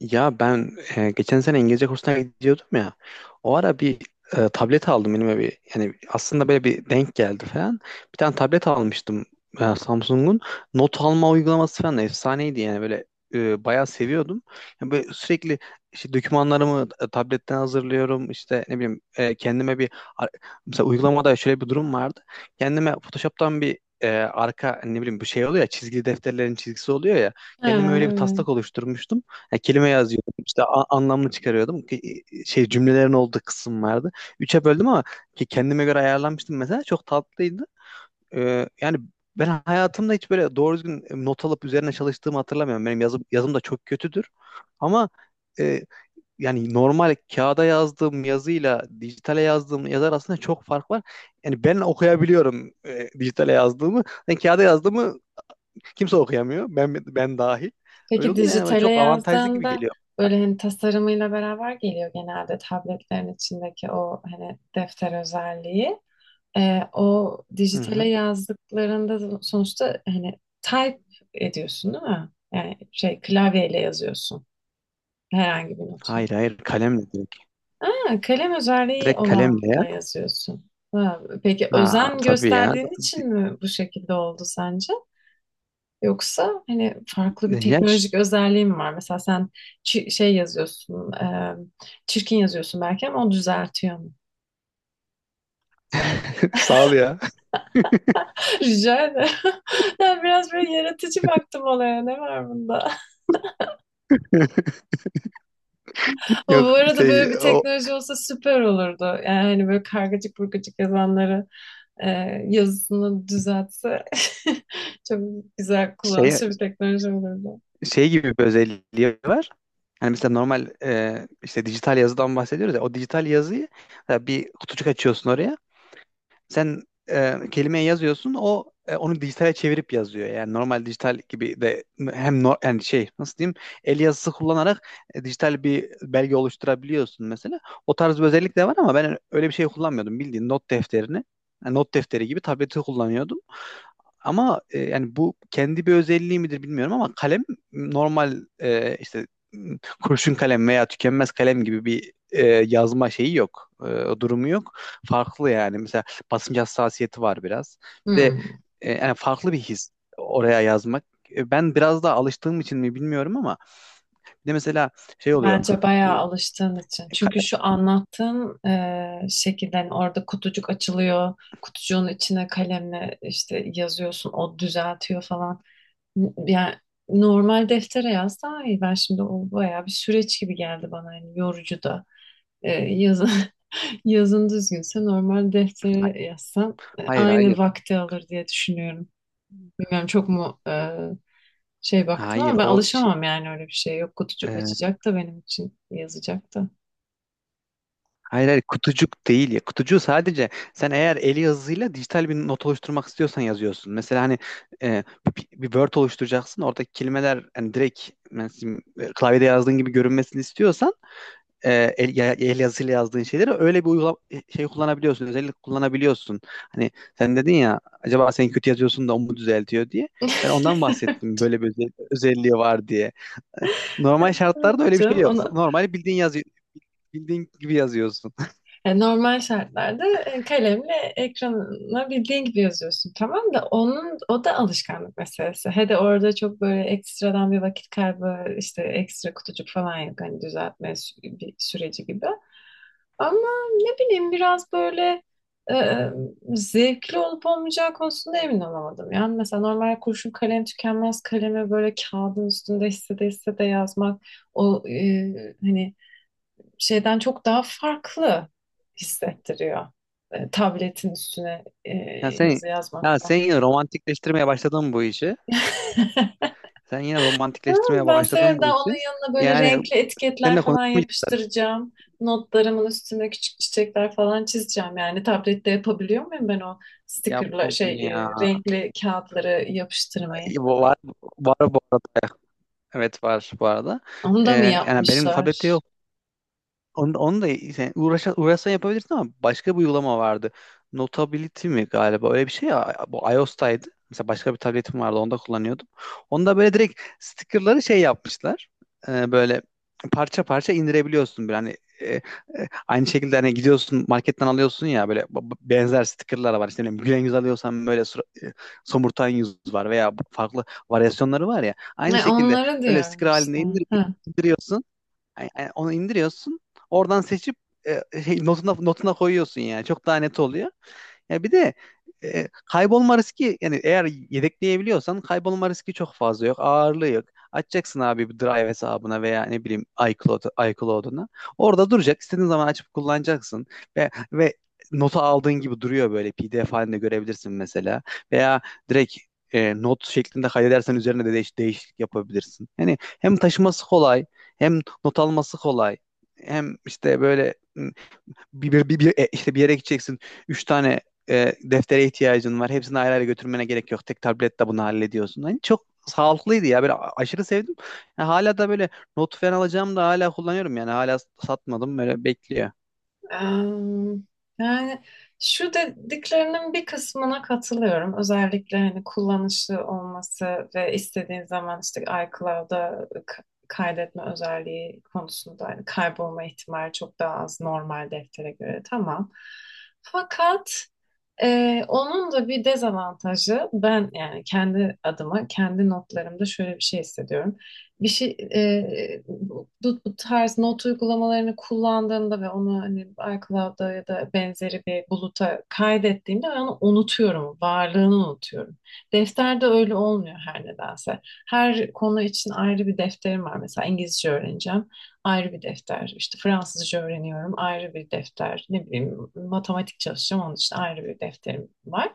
Ya ben geçen sene İngilizce kursuna gidiyordum ya. O ara bir tablet aldım elime bir. Yani aslında böyle bir denk geldi falan. Bir tane tablet almıştım, Samsung'un. Not alma uygulaması falan da efsaneydi yani böyle bayağı seviyordum. Yani böyle sürekli işte dokümanlarımı tabletten hazırlıyorum. İşte ne bileyim kendime bir ar- mesela uygulamada şöyle bir durum vardı. Kendime Photoshop'tan bir arka ne bileyim bir şey oluyor ya, çizgili defterlerin çizgisi oluyor ya. Ha, Kendime öyle bir evet. taslak oluşturmuştum. Ya kelime yazıyordum, işte anlamını çıkarıyordum. Şey, cümlelerin olduğu kısım vardı. Üçe böldüm, ama ki kendime göre ayarlanmıştım mesela, çok tatlıydı. Yani ben hayatımda hiç böyle doğru düzgün not alıp üzerine çalıştığımı hatırlamıyorum. Benim yazım, yazım da çok kötüdür. Ama e, yani normal kağıda yazdığım yazıyla dijitale yazdığım yazı arasında çok fark var. Yani ben okuyabiliyorum dijitale yazdığımı. Yani kağıda yazdığımı kimse okuyamıyor. Ben dahil. Öyle Peki olunca yani böyle dijitale çok avantajlı gibi yazdığında geliyor. böyle hani tasarımıyla beraber geliyor genelde tabletlerin içindeki o hani defter özelliği. O Hı dijitale hı. yazdıklarında sonuçta hani type ediyorsun değil mi? Yani şey klavyeyle yazıyorsun herhangi bir notunu. Hayır hayır, kalemle direkt. Ha, kalem özelliği Direkt kalemle ya. olanla yazıyorsun. Ha, peki Ha özen tabii ya. gösterdiğin için mi bu şekilde oldu sence? Yoksa hani farklı bir Ya ş- teknolojik özelliği mi var? Mesela sen şey yazıyorsun, çirkin yazıyorsun belki ama o düzeltiyor mu? Sağ ol ya. Rica ederim. Ben biraz böyle yaratıcı baktım olaya. Ne var bunda? Ama bu Yok, arada şey böyle bir o teknoloji olsa süper olurdu. Yani hani böyle kargacık burgacık yazanları e, yazısını düzeltse çok güzel şey, kullanışlı bir teknoloji olurdu. şey gibi bir özelliği var. Yani mesela normal, işte dijital yazıdan bahsediyoruz ya. O dijital yazıyı mesela bir kutucuk açıyorsun oraya. Sen kelimeyi yazıyorsun, o onu dijitale çevirip yazıyor. Yani normal dijital gibi de hem yani şey, nasıl diyeyim, el yazısı kullanarak dijital bir belge oluşturabiliyorsun mesela. O tarz bir özellik de var, ama ben öyle bir şey kullanmıyordum. Bildiğin not defterini, yani not defteri gibi tableti kullanıyordum. Ama yani bu kendi bir özelliği midir bilmiyorum, ama kalem normal işte kurşun kalem veya tükenmez kalem gibi bir yazma şeyi yok. E, durumu yok. Farklı yani. Mesela basınç hassasiyeti var biraz. Bir de Hmm. Yani farklı bir his oraya yazmak. E, ben biraz daha alıştığım için mi bilmiyorum, ama bir de mesela şey oluyor. Bence bayağı Bu alıştığın için. e, ka- Çünkü şu anlattığın şekilde hani orada kutucuk açılıyor. Kutucuğun içine kalemle işte yazıyorsun. O düzeltiyor falan. Yani normal deftere yaz daha iyi. Ben şimdi o bayağı bir süreç gibi geldi bana. Yani yorucu da. E, yazın, yazın düzgünse normal deftere yazsan hayır aynı hayır. vakti alır diye düşünüyorum. Bilmiyorum çok mu şey baktım Hayır ama ben o şey, alışamam yani öyle bir şey. Yok kutucuk e, açacak da benim için yazacak da. hayır hayır, kutucuk değil ya. Kutucuğu sadece sen eğer eli yazısıyla dijital bir not oluşturmak istiyorsan yazıyorsun. Mesela hani e, bir Word oluşturacaksın. Oradaki kelimeler hani direkt mesela, klavyede yazdığın gibi görünmesini istiyorsan, e, el yazısıyla yazdığın şeyleri öyle bir şey kullanabiliyorsun. Özellik kullanabiliyorsun. Hani sen dedin ya, acaba sen kötü yazıyorsun da o mu düzeltiyor diye. Ben ondan bahsettim, böyle bir özelliği var diye. E, normal şartlarda öyle bir şey Canım yok. onu. Normal bildiğin yazı bildiğin gibi yazıyorsun. Normal şartlarda kalemle ekrana bildiğin gibi yazıyorsun tamam da onun o da alışkanlık meselesi. He de orada çok böyle ekstradan bir vakit kaybı işte ekstra kutucuk falan yok, hani düzeltme bir süreci gibi. Ama ne bileyim biraz böyle e, zevkli olup olmayacağı konusunda emin olamadım. Yani mesela normal kurşun kalem tükenmez kalemi böyle kağıdın üstünde hissede hissede yazmak hani şeyden çok daha farklı hissettiriyor. Tabletin üstüne Ya sen yazı ya yazmaktan. sen yine romantikleştirmeye başladın bu işi. Sen yine Ama romantikleştirmeye ben başladın severim, daha bu işi. onun yanına böyle Yani renkli seninle etiketler falan konuşmayacağım. yapıştıracağım. Notlarımın üstüne küçük çiçekler falan çizeceğim. Yani tablette yapabiliyor muyum ben o stickerla Yapma şey bunu ya. renkli kağıtları yapıştırmayı? Var, var bu arada. Evet, var bu arada. Onu da mı Yani benim tablette yapmışlar? yok. Onu da yani uğraşsan yapabilirsin, ama başka bir uygulama vardı. Notability mi galiba, öyle bir şey ya. Bu iOS'taydı. Mesela başka bir tabletim vardı, onda kullanıyordum. Onda böyle direkt stickerları şey yapmışlar. Böyle parça parça indirebiliyorsun. Böyle hani aynı şekilde hani gidiyorsun marketten alıyorsun ya, böyle benzer stickerlar var. İşte ne bileyim, gülen yüz alıyorsan böyle somurtan yüz var veya farklı varyasyonları var ya. Aynı Ne, şekilde onları öyle sticker diyorum halinde işte. Ha. indiriyorsun. Yani onu indiriyorsun. Oradan seçip notuna koyuyorsun yani. Çok daha net oluyor. Ya bir de kaybolma riski, yani eğer yedekleyebiliyorsan kaybolma riski çok fazla yok. Ağırlığı yok. Açacaksın abi bir Drive hesabına veya ne bileyim iCloud, iCloud'una. Orada duracak. İstediğin zaman açıp kullanacaksın. Ve notu aldığın gibi duruyor, böyle PDF halinde görebilirsin mesela. Veya direkt not şeklinde kaydedersen üzerine de değişiklik yapabilirsin. Yani hem taşıması kolay, hem not alması kolay, hem işte böyle işte bir yere gideceksin. Üç tane deftere ihtiyacın var. Hepsini ayrı ayrı götürmene gerek yok. Tek tabletle bunu hallediyorsun. Hani çok sağlıklıydı ya. Böyle aşırı sevdim. Yani hala da böyle not falan alacağım da hala kullanıyorum yani. Hala satmadım. Böyle bekliyor. Em, Yani şu dediklerinin bir kısmına katılıyorum. Özellikle hani kullanışlı olması ve istediğin zaman işte iCloud'a kaydetme özelliği konusunda hani kaybolma ihtimali çok daha az normal deftere göre, tamam. Fakat onun da bir dezavantajı, ben yani kendi adıma kendi notlarımda şöyle bir şey hissediyorum. Bir şey e, bu, bu tarz not uygulamalarını kullandığımda ve onu hani iCloud'da ya da benzeri bir buluta kaydettiğimde ben onu unutuyorum, varlığını unutuyorum. Defterde öyle olmuyor her nedense. Her konu için ayrı bir defterim var. Mesela İngilizce öğreneceğim ayrı bir defter. İşte Fransızca öğreniyorum ayrı bir defter. Ne bileyim matematik çalışacağım onun için ayrı bir defterim var.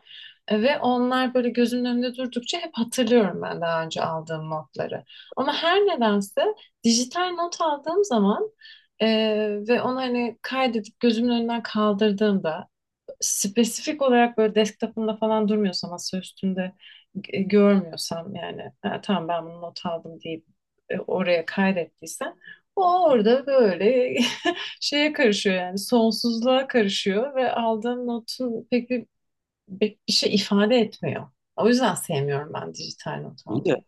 Ve onlar böyle gözümün önünde durdukça hep hatırlıyorum ben daha önce aldığım notları. Ama her nedense dijital not aldığım zaman e, ve onu hani kaydedip gözümün önünden kaldırdığımda, spesifik olarak böyle desktop'ımda falan durmuyorsa, masa üstünde görmüyorsam, yani "Ha, tamam ben bunu not aldım" deyip oraya kaydettiysem, o orada böyle şeye karışıyor, yani sonsuzluğa karışıyor ve aldığım notun pek bir şey ifade etmiyor. O yüzden sevmiyorum ben dijital not İyi de almayı.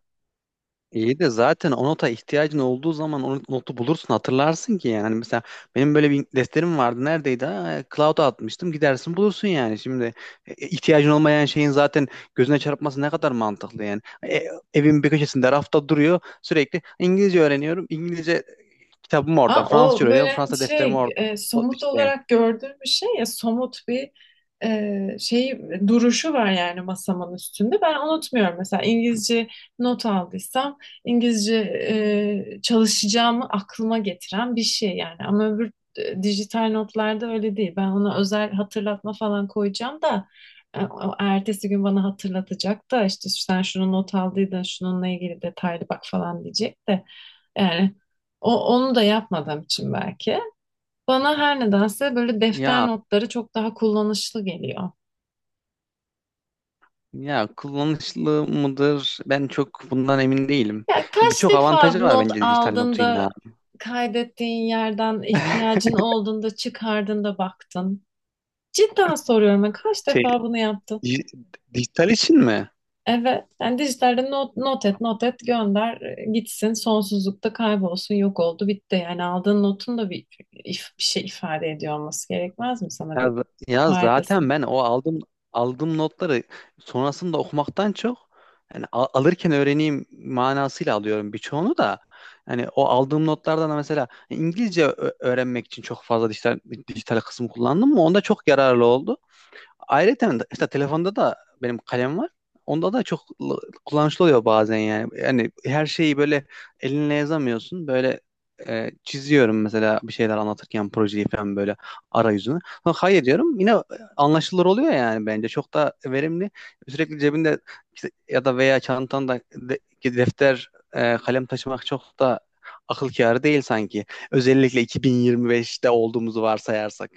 İyi de zaten o nota ihtiyacın olduğu zaman o notu bulursun, hatırlarsın ki yani. Hani mesela benim böyle bir defterim vardı, neredeydi? Ha, cloud'a atmıştım, gidersin bulursun yani. Şimdi ihtiyacın olmayan şeyin zaten gözüne çarpması ne kadar mantıklı yani. E, evin bir köşesinde rafta duruyor sürekli, İngilizce öğreniyorum İngilizce kitabım orada, Aa, Fransızca o böyle öğreniyorum hani Fransa defterim şey orada. O somut işte olarak gördüğüm bir şey ya, somut bir e, şey duruşu var yani masamın üstünde. Ben unutmuyorum mesela İngilizce not aldıysam İngilizce çalışacağımı aklıma getiren bir şey yani. Ama öbür dijital notlarda öyle değil. Ben ona özel hatırlatma falan koyacağım da o ertesi gün bana hatırlatacak da işte sen şunu not aldıydın, şununla ilgili detaylı bak falan diyecek de. Yani onu da yapmadığım için belki. Bana her nedense böyle defter ya notları çok daha kullanışlı geliyor. ya kullanışlı mıdır ben çok bundan emin değilim. Ya kaç Birçok defa avantajı var not bence dijital aldın notun da ya. kaydettiğin yerden ihtiyacın olduğunda çıkardın da baktın. Cidden soruyorum, ben kaç Şey defa bunu yaptın? Di- Dijital için mi? Evet. Yani dijitalde not, not et, not et, gönder, gitsin, sonsuzlukta kaybolsun, yok oldu, bitti. Yani aldığın notun da bir, if- bir şey ifade ediyor olması gerekmez mi, sana bir Ya faydası? zaten ben o aldığım notları sonrasında okumaktan çok, yani alırken öğreneyim manasıyla alıyorum birçoğunu da. Yani o aldığım notlardan da mesela İngilizce öğrenmek için çok fazla dijital kısım kullandım mı? Onda çok yararlı oldu. Ayrıca işte telefonda da benim kalem var. Onda da çok kullanışlı oluyor bazen yani. Yani her şeyi böyle elinle yazamıyorsun. Böyle çiziyorum mesela, bir şeyler anlatırken projeyi falan böyle arayüzünü. Ha, hayır diyorum, yine anlaşılır oluyor yani bence. Çok da verimli. Sürekli cebinde işte, ya da veya çantanda defter, kalem taşımak çok da akıl kârı değil sanki. Özellikle 2025'te olduğumuzu varsayarsak.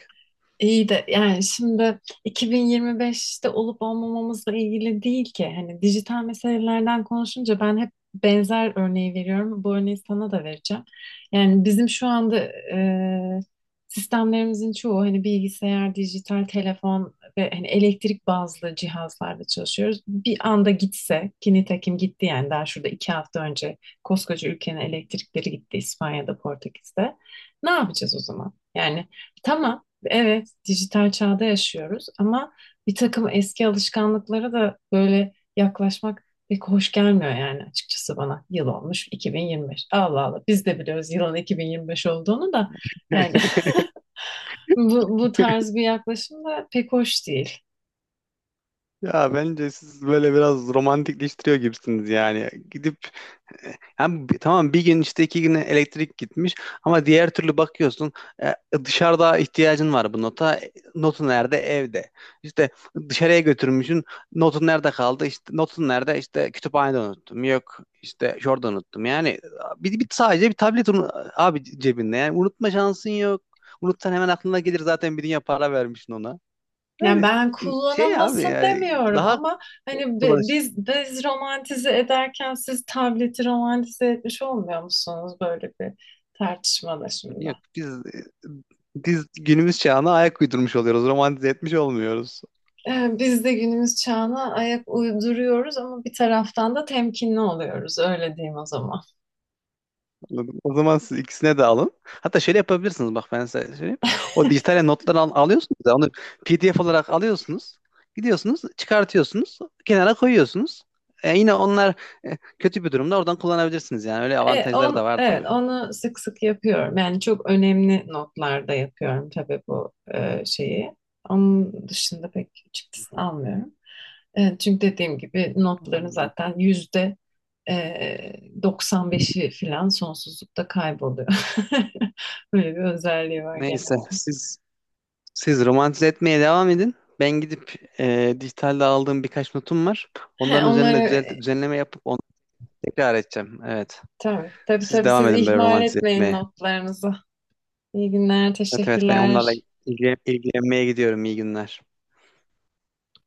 İyi de yani şimdi 2025'te olup olmamamızla ilgili değil ki. Hani dijital meselelerden konuşunca ben hep benzer örneği veriyorum. Bu örneği sana da vereceğim. Yani bizim şu anda e, sistemlerimizin çoğu hani bilgisayar, dijital telefon ve hani elektrik bazlı cihazlarda çalışıyoruz. Bir anda gitse, ki nitekim gitti, yani daha şurada iki hafta önce koskoca ülkenin elektrikleri gitti İspanya'da, Portekiz'de. Ne yapacağız o zaman? Yani tamam, evet, dijital çağda yaşıyoruz ama bir takım eski alışkanlıklara da böyle yaklaşmak pek hoş gelmiyor yani, açıkçası bana. Yıl olmuş 2025. Allah Allah, biz de biliyoruz yılın 2025 olduğunu da yani bu tarz bir yaklaşım da pek hoş değil. Ya bence siz böyle biraz romantikleştiriyor gibisiniz yani. Gidip yani tamam, bir gün işte iki güne elektrik gitmiş, ama diğer türlü bakıyorsun e, dışarıda ihtiyacın var bu nota. E, notu nerede? Evde. İşte dışarıya götürmüşsün. Notun nerede kaldı? İşte notun nerede? İşte kütüphanede unuttum. Yok işte şurada unuttum. Yani bir, bir sadece bir tablet, abi cebinde. Yani unutma şansın yok. Unutsan hemen aklına gelir zaten, bir dünya para vermişsin ona. Yani Yani ben şey abi, kullanılmasın yani demiyorum daha ama hani kolay. biz romantize ederken siz tableti romantize etmiş olmuyor musunuz böyle bir tartışmada şimdi? Yok, biz günümüz çağına ayak uydurmuş oluyoruz. Romantize etmiş olmuyoruz. Biz de günümüz çağına ayak uyduruyoruz ama bir taraftan da temkinli oluyoruz, öyle diyeyim o zaman. Anladın mı? O zaman siz ikisine de alın. Hatta şöyle yapabilirsiniz, bak ben size söyleyeyim. O dijital notları alıyorsunuz da onu PDF olarak alıyorsunuz. Gidiyorsunuz, çıkartıyorsunuz, kenara koyuyorsunuz. E, yine onlar kötü bir durumda oradan kullanabilirsiniz yani. Öyle avantajları da var evet, tabii. onu sık sık yapıyorum. Yani çok önemli notlarda yapıyorum tabii bu şeyi. Onun dışında pek çıktısını almıyorum. Çünkü dediğim gibi notların Anladım. zaten yüzde e, 95'i filan sonsuzlukta kayboluyor. Böyle bir özelliği var genel. Neyse siz Siz romantize etmeye devam edin. Ben gidip dijitalde aldığım birkaç notum var. He, Onların üzerinde onları. Düzenleme yapıp onu tekrar edeceğim. Evet. Tabii, tabii, Siz tabii devam siz edin böyle ihmal romantize etmeyin etmeye. notlarınızı. İyi günler, Evet, evet, ben onlarla teşekkürler. İlgilenmeye gidiyorum. İyi günler.